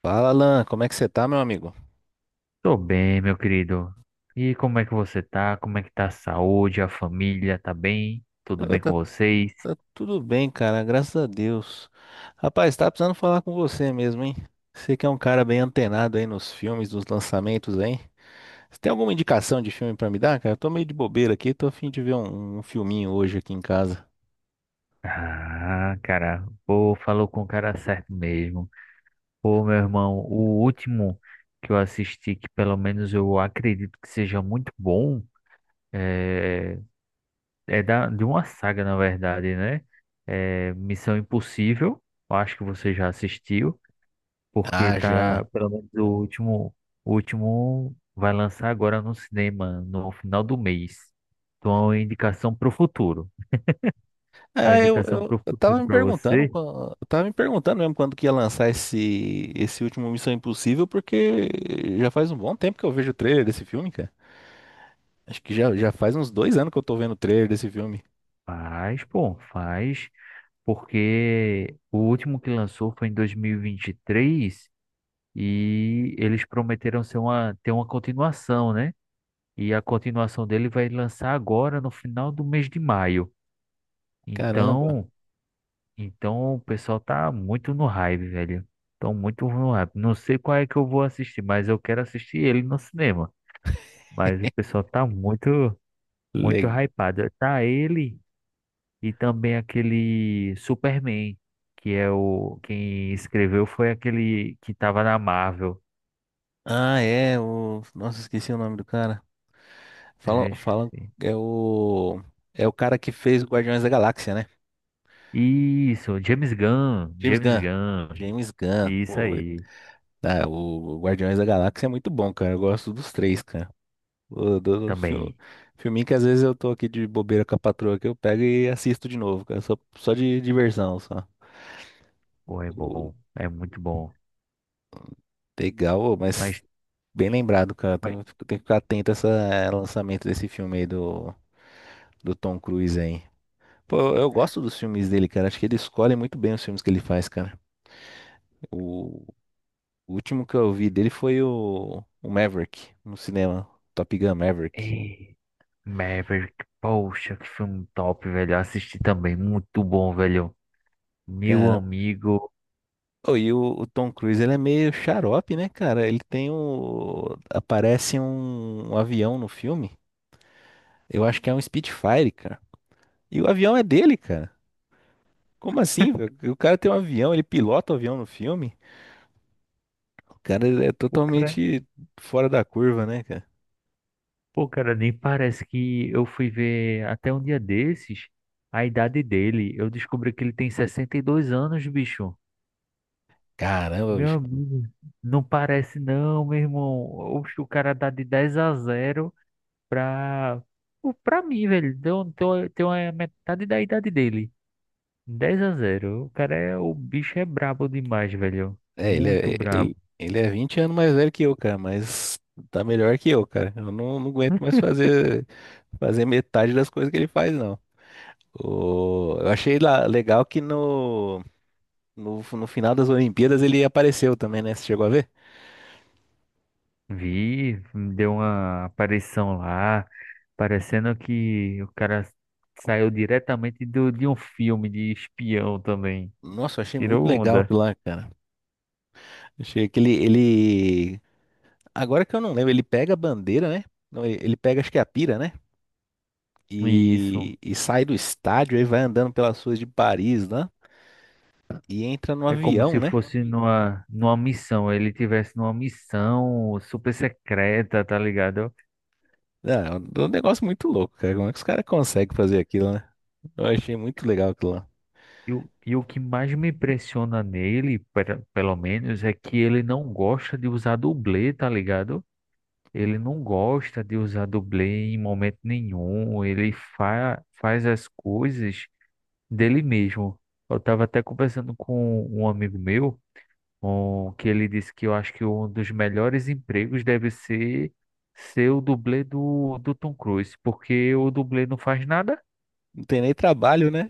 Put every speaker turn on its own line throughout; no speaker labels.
Fala, Alan, como é que você tá, meu amigo?
Tô bem, meu querido. E como é que você tá? Como é que tá a saúde, a família? Tá bem? Tudo
Eu,
bem
tá,
com vocês?
tá tudo bem, cara, graças a Deus. Rapaz, tá precisando falar com você mesmo, hein? Você que é um cara bem antenado aí nos filmes, nos lançamentos, hein? Você tem alguma indicação de filme pra me dar, cara? Eu tô meio de bobeira aqui, tô a fim de ver um filminho hoje aqui em casa.
Ah, cara, pô, falou com o cara certo mesmo. Pô, meu irmão, o último que eu assisti, que pelo menos eu acredito que seja muito bom, é, é de uma saga, na verdade, né? É Missão Impossível, eu acho que você já assistiu. Porque
Ah, já.
tá, pelo menos o último vai lançar agora no cinema, no final do mês. Então é uma indicação pro futuro. É uma
Ah,
indicação pro futuro pra você?
eu tava me perguntando mesmo quando que ia lançar esse último Missão Impossível, porque já faz um bom tempo que eu vejo o trailer desse filme, cara. Acho que já faz uns 2 anos que eu tô vendo o trailer desse filme.
Faz, pô, faz, porque o último que lançou foi em 2023 e vinte e três e eles prometeram ser ter uma continuação, né? E a continuação dele vai lançar agora no final do mês de maio.
Caramba.
Então, então o pessoal tá muito no hype, velho. Tão muito no hype. Não sei qual é que eu vou assistir, mas eu quero assistir ele no cinema. Mas o pessoal tá muito
Legal.
hypado. Tá ele e também aquele Superman, que é o quem escreveu foi aquele que tava na Marvel.
Ah, é. Nossa, esqueci o nome do cara. Falam,
É,
falam.
esqueci.
É o. É o cara que fez o Guardiões da Galáxia, né?
Isso,
James
James
Gunn.
Gunn.
James Gunn.
Isso
Pô,
aí
ah, o Guardiões da Galáxia é muito bom, cara. Eu gosto dos três, cara. O, do
também.
filminho que às vezes eu tô aqui de bobeira com a patroa que eu pego e assisto de novo, cara. Só de diversão, só.
Pô, é bom, é muito bom.
Legal, ô,
Mas,
mas bem lembrado, cara. Tem,
mas...
tem que ficar atento a esse lançamento desse filme aí do Tom Cruise aí. Pô, eu gosto dos filmes dele, cara. Acho que ele escolhe muito bem os filmes que ele faz, cara. O, o último que eu vi dele foi o Maverick, no cinema. Top Gun Maverick.
é. Maverick, poxa, que filme top, velho. Eu assisti também, muito bom, velho. Meu
Cara,
amigo,
ô, e o Tom Cruise, ele é meio xarope, né, cara? Aparece um avião no filme. Eu acho que é um Spitfire, cara. E o avião é dele, cara. Como assim, velho? O cara tem um avião, ele pilota o avião no filme? O cara é
o cara,
totalmente fora da curva, né, cara?
o cara nem parece que eu fui ver até um dia desses a idade dele. Eu descobri que ele tem 62 anos, bicho.
Caramba,
Meu
bicho.
amigo, não parece não, meu irmão. Oxe, o cara dá de 10 a 0 pra, pra mim, velho. Então, tô- tem a metade da idade dele. 10 a zero, o cara é, o bicho é brabo demais, velho.
É, ele
Muito
é,
brabo.
ele, ele é 20 anos mais velho que eu, cara, mas tá melhor que eu, cara. Eu não aguento mais fazer metade das coisas que ele faz, não. Eu achei legal que no final das Olimpíadas ele apareceu também, né? Você chegou a ver?
Vi, deu uma aparição lá, parecendo que o cara saiu diretamente de um filme de espião também.
Nossa, eu achei muito
Tirou
legal
onda.
aquilo lá, cara. Achei que ele Agora que eu não lembro, ele pega a bandeira, né? Não, ele pega, acho que é a pira, né?
E isso.
E sai do estádio, aí vai andando pelas ruas de Paris, né? E entra no
É como
avião,
se
né?
fosse numa missão. Ele tivesse numa missão super secreta, tá ligado?
Ah, é um negócio muito louco, cara. Como é que os caras conseguem fazer aquilo, né? Eu achei muito legal aquilo lá.
E, e o que mais me impressiona nele, pelo menos, é que ele não gosta de usar dublê, tá ligado? Ele não gosta de usar dublê em momento nenhum. Ele fa faz as coisas dele mesmo. Eu estava até conversando com um amigo meu, que ele disse que eu acho que um dos melhores empregos deve ser ser o dublê do Tom Cruise, porque o dublê não faz nada.
Não tem nem trabalho, né?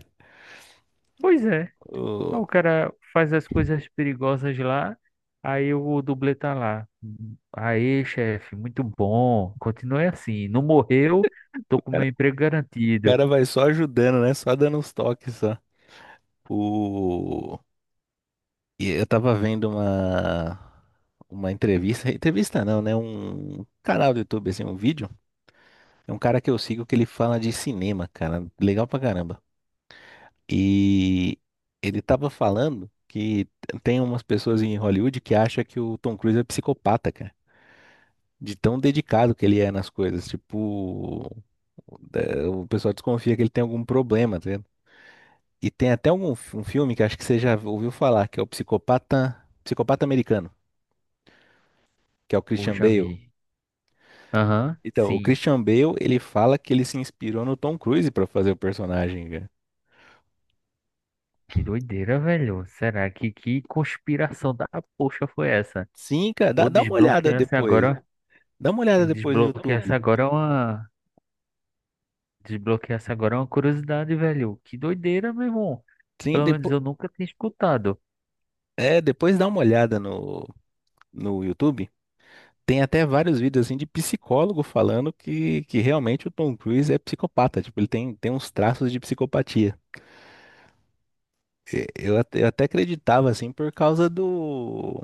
Pois é.
O,
O cara faz as coisas perigosas lá, aí o dublê tá lá. Aí, chefe, muito bom. Continue assim. Não morreu, tô com
cara,
meu emprego
o
garantido.
cara vai só ajudando, né? Só dando uns toques, só. O, e eu tava vendo uma entrevista, entrevista não, né? Um canal do YouTube, assim, um vídeo. É um cara que eu sigo que ele fala de cinema, cara. Legal pra caramba. E ele tava falando que tem umas pessoas em Hollywood que acham que o Tom Cruise é psicopata, cara. De tão dedicado que ele é nas coisas. Tipo, o pessoal desconfia que ele tem algum problema, tá vendo? E tem até um filme que acho que você já ouviu falar, que é o Psicopata, Psicopata Americano, que é o
Ou
Christian
já
Bale.
vi. Aham,
Então, o
sim.
Christian Bale, ele fala que ele se inspirou no Tom Cruise pra fazer o personagem.
Que doideira, velho. Será que conspiração da poxa foi essa?
Sim, cara, dá,
Ou
dá uma olhada
desbloquear-se
depois.
agora.
Dá uma olhada depois no
Desbloquear-se
YouTube.
agora é uma. Desbloquear-se agora é uma curiosidade, velho. Que doideira, meu irmão.
Sim,
Pelo menos
depois,
eu nunca tinha escutado.
depois dá uma olhada no YouTube. Tem até vários vídeos assim de psicólogo falando que realmente o Tom Cruise é psicopata. Tipo, ele tem uns traços de psicopatia. Eu até acreditava assim por causa do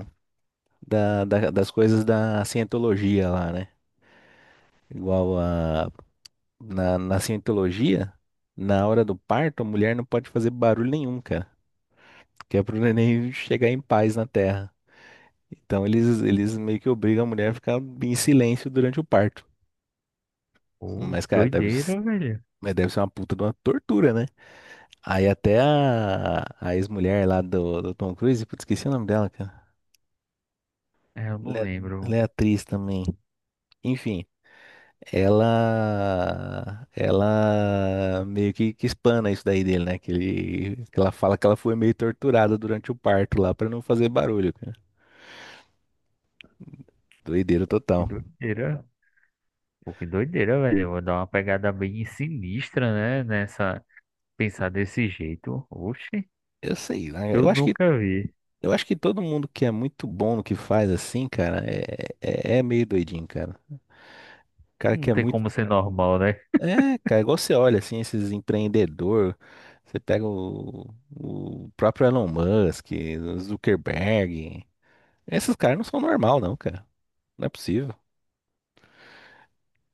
da, da- das coisas da cientologia lá, né? Igual a, na cientologia, na hora do parto, a mulher não pode fazer barulho nenhum, cara. Que é pro neném chegar em paz na terra. Então eles meio que obrigam a mulher a ficar em silêncio durante o parto.
Pô,
Mas, cara, deve, s-
doideira, velho.
mas deve ser uma puta de uma tortura, né? Aí até a ex-mulher lá do Tom Cruise, putz, esqueci o nome dela, cara.
É, eu não
Ela é, ela
lembro.
é atriz também. Enfim, ela meio que espana isso daí dele, né? Que ela fala que ela foi meio torturada durante o parto lá pra não fazer barulho, cara. Doideira
Pô, que
total.
doideira. Pô, que doideira, velho. Eu vou dar uma pegada bem sinistra, né? Nessa. Pensar desse jeito. Oxe,
Eu sei, né?
eu
Eu acho que
nunca vi.
Eu acho que todo mundo que é muito bom no que faz assim, cara, é meio doidinho, cara. Cara que
Não
é
tem
muito.
como ser normal, né?
É, cara, igual você olha assim, esses empreendedor, você pega o próprio Elon Musk, o Zuckerberg. Esses caras não são normal, não, cara. Não é possível.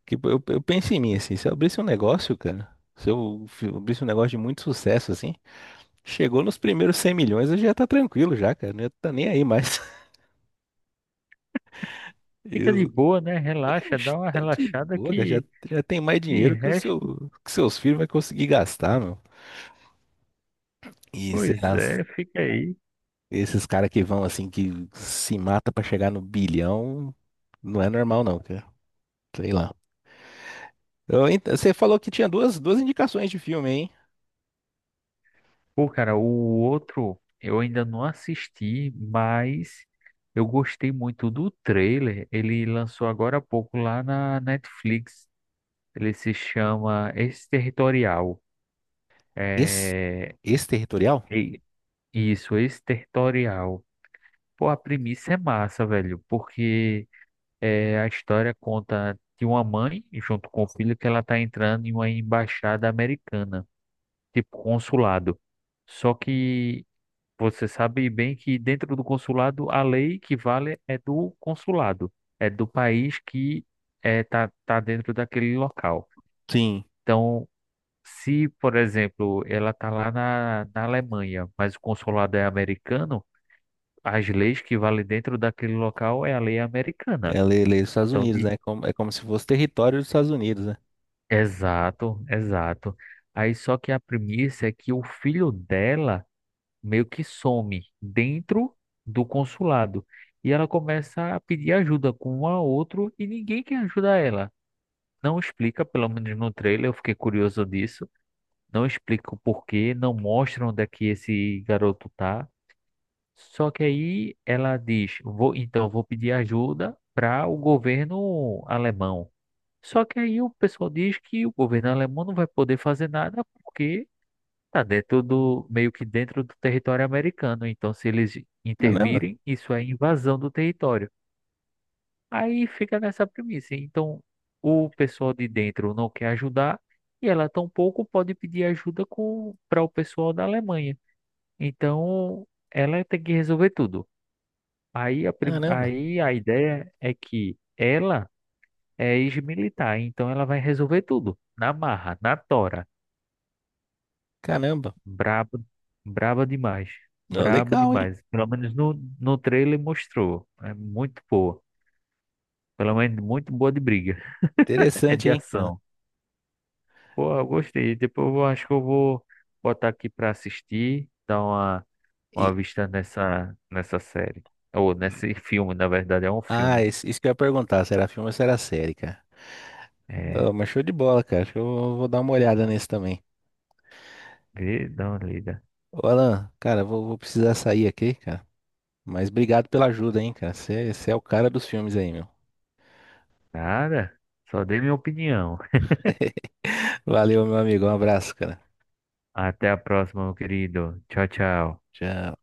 Que eu penso em mim assim, se eu abrisse um negócio, cara, se eu abrisse um negócio de muito sucesso assim, chegou nos primeiros 100 milhões, eu já tá tranquilo já, cara. Não ia tá nem aí mais.
Fica de boa, né? Relaxa, dá uma
Está de
relaxada
boa, cara. já,
que.
já tem mais
De
dinheiro que o
resto,
seu, que seus filhos vai conseguir gastar, meu. E sei
pois
lá,
é, fica aí.
esses caras que vão assim, que se mata pra chegar no bilhão, não é normal não, cara. Sei lá. Você falou que tinha duas indicações de filme, hein?
Pô, cara, o outro eu ainda não assisti, mas eu gostei muito do trailer. Ele lançou agora há pouco lá na Netflix. Ele se chama Exterritorial.
Esse,
É,
esse territorial?
e- isso, exterritorial. Pô, a premissa é massa, velho, porque é, a história conta de uma mãe, junto com o filho, que ela tá entrando em uma embaixada americana, tipo consulado. Só que você sabe bem que dentro do consulado, a lei que vale é do consulado, é do país que tá, tá dentro daquele local.
Sim.
Então, se por exemplo, ela tá lá na Alemanha, mas o consulado é americano, as leis que valem dentro daquele local é a lei americana.
É lei dos Estados
Então,
Unidos, né? É como se fosse território dos Estados Unidos, né?
exato, exato. Aí só que a premissa é que o filho dela meio que some dentro do consulado e ela começa a pedir ajuda com um a outro e ninguém quer ajudar ela. Não explica, pelo menos no trailer, eu fiquei curioso disso. Não explica o porquê, não mostra onde é que esse garoto tá. Só que aí ela diz, vou, então vou pedir ajuda para o governo alemão. Só que aí o pessoal diz que o governo alemão não vai poder fazer nada porque tá dentro do, meio que dentro do território americano. Então, se eles
Caramba,
intervirem, isso é invasão do território. Aí fica nessa premissa. Então, o pessoal de dentro não quer ajudar e ela tampouco pode pedir ajuda com para o pessoal da Alemanha. Então, ela tem que resolver tudo.
caramba,
Aí a ideia é que ela é ex-militar, então ela vai resolver tudo. Na marra, na tora.
caramba.
Braba, braba demais.
Ó,
Braba
legal, hein?
demais. Pelo menos no trailer mostrou. É muito boa. Pelo menos muito boa de briga. É de
Interessante, hein? É.
ação. Pô, eu gostei. Depois eu acho que eu vou botar aqui pra assistir, dar
E,
uma vista nessa série. Ou nesse filme, na verdade, é um
ah,
filme.
isso que eu ia perguntar, se era filme ou se era série, cara.
É,
Ó, mas show de bola, cara. Acho que eu vou dar uma olhada nesse também.
vê, dá uma lida.
Ô, Alan, cara, vou precisar sair aqui, cara. Mas obrigado pela ajuda, hein, cara. Você é o cara dos filmes aí, meu.
Nada, só dei minha opinião.
Valeu, meu amigo. Um abraço, cara.
Até a próxima, meu querido. Tchau, tchau.
Tchau.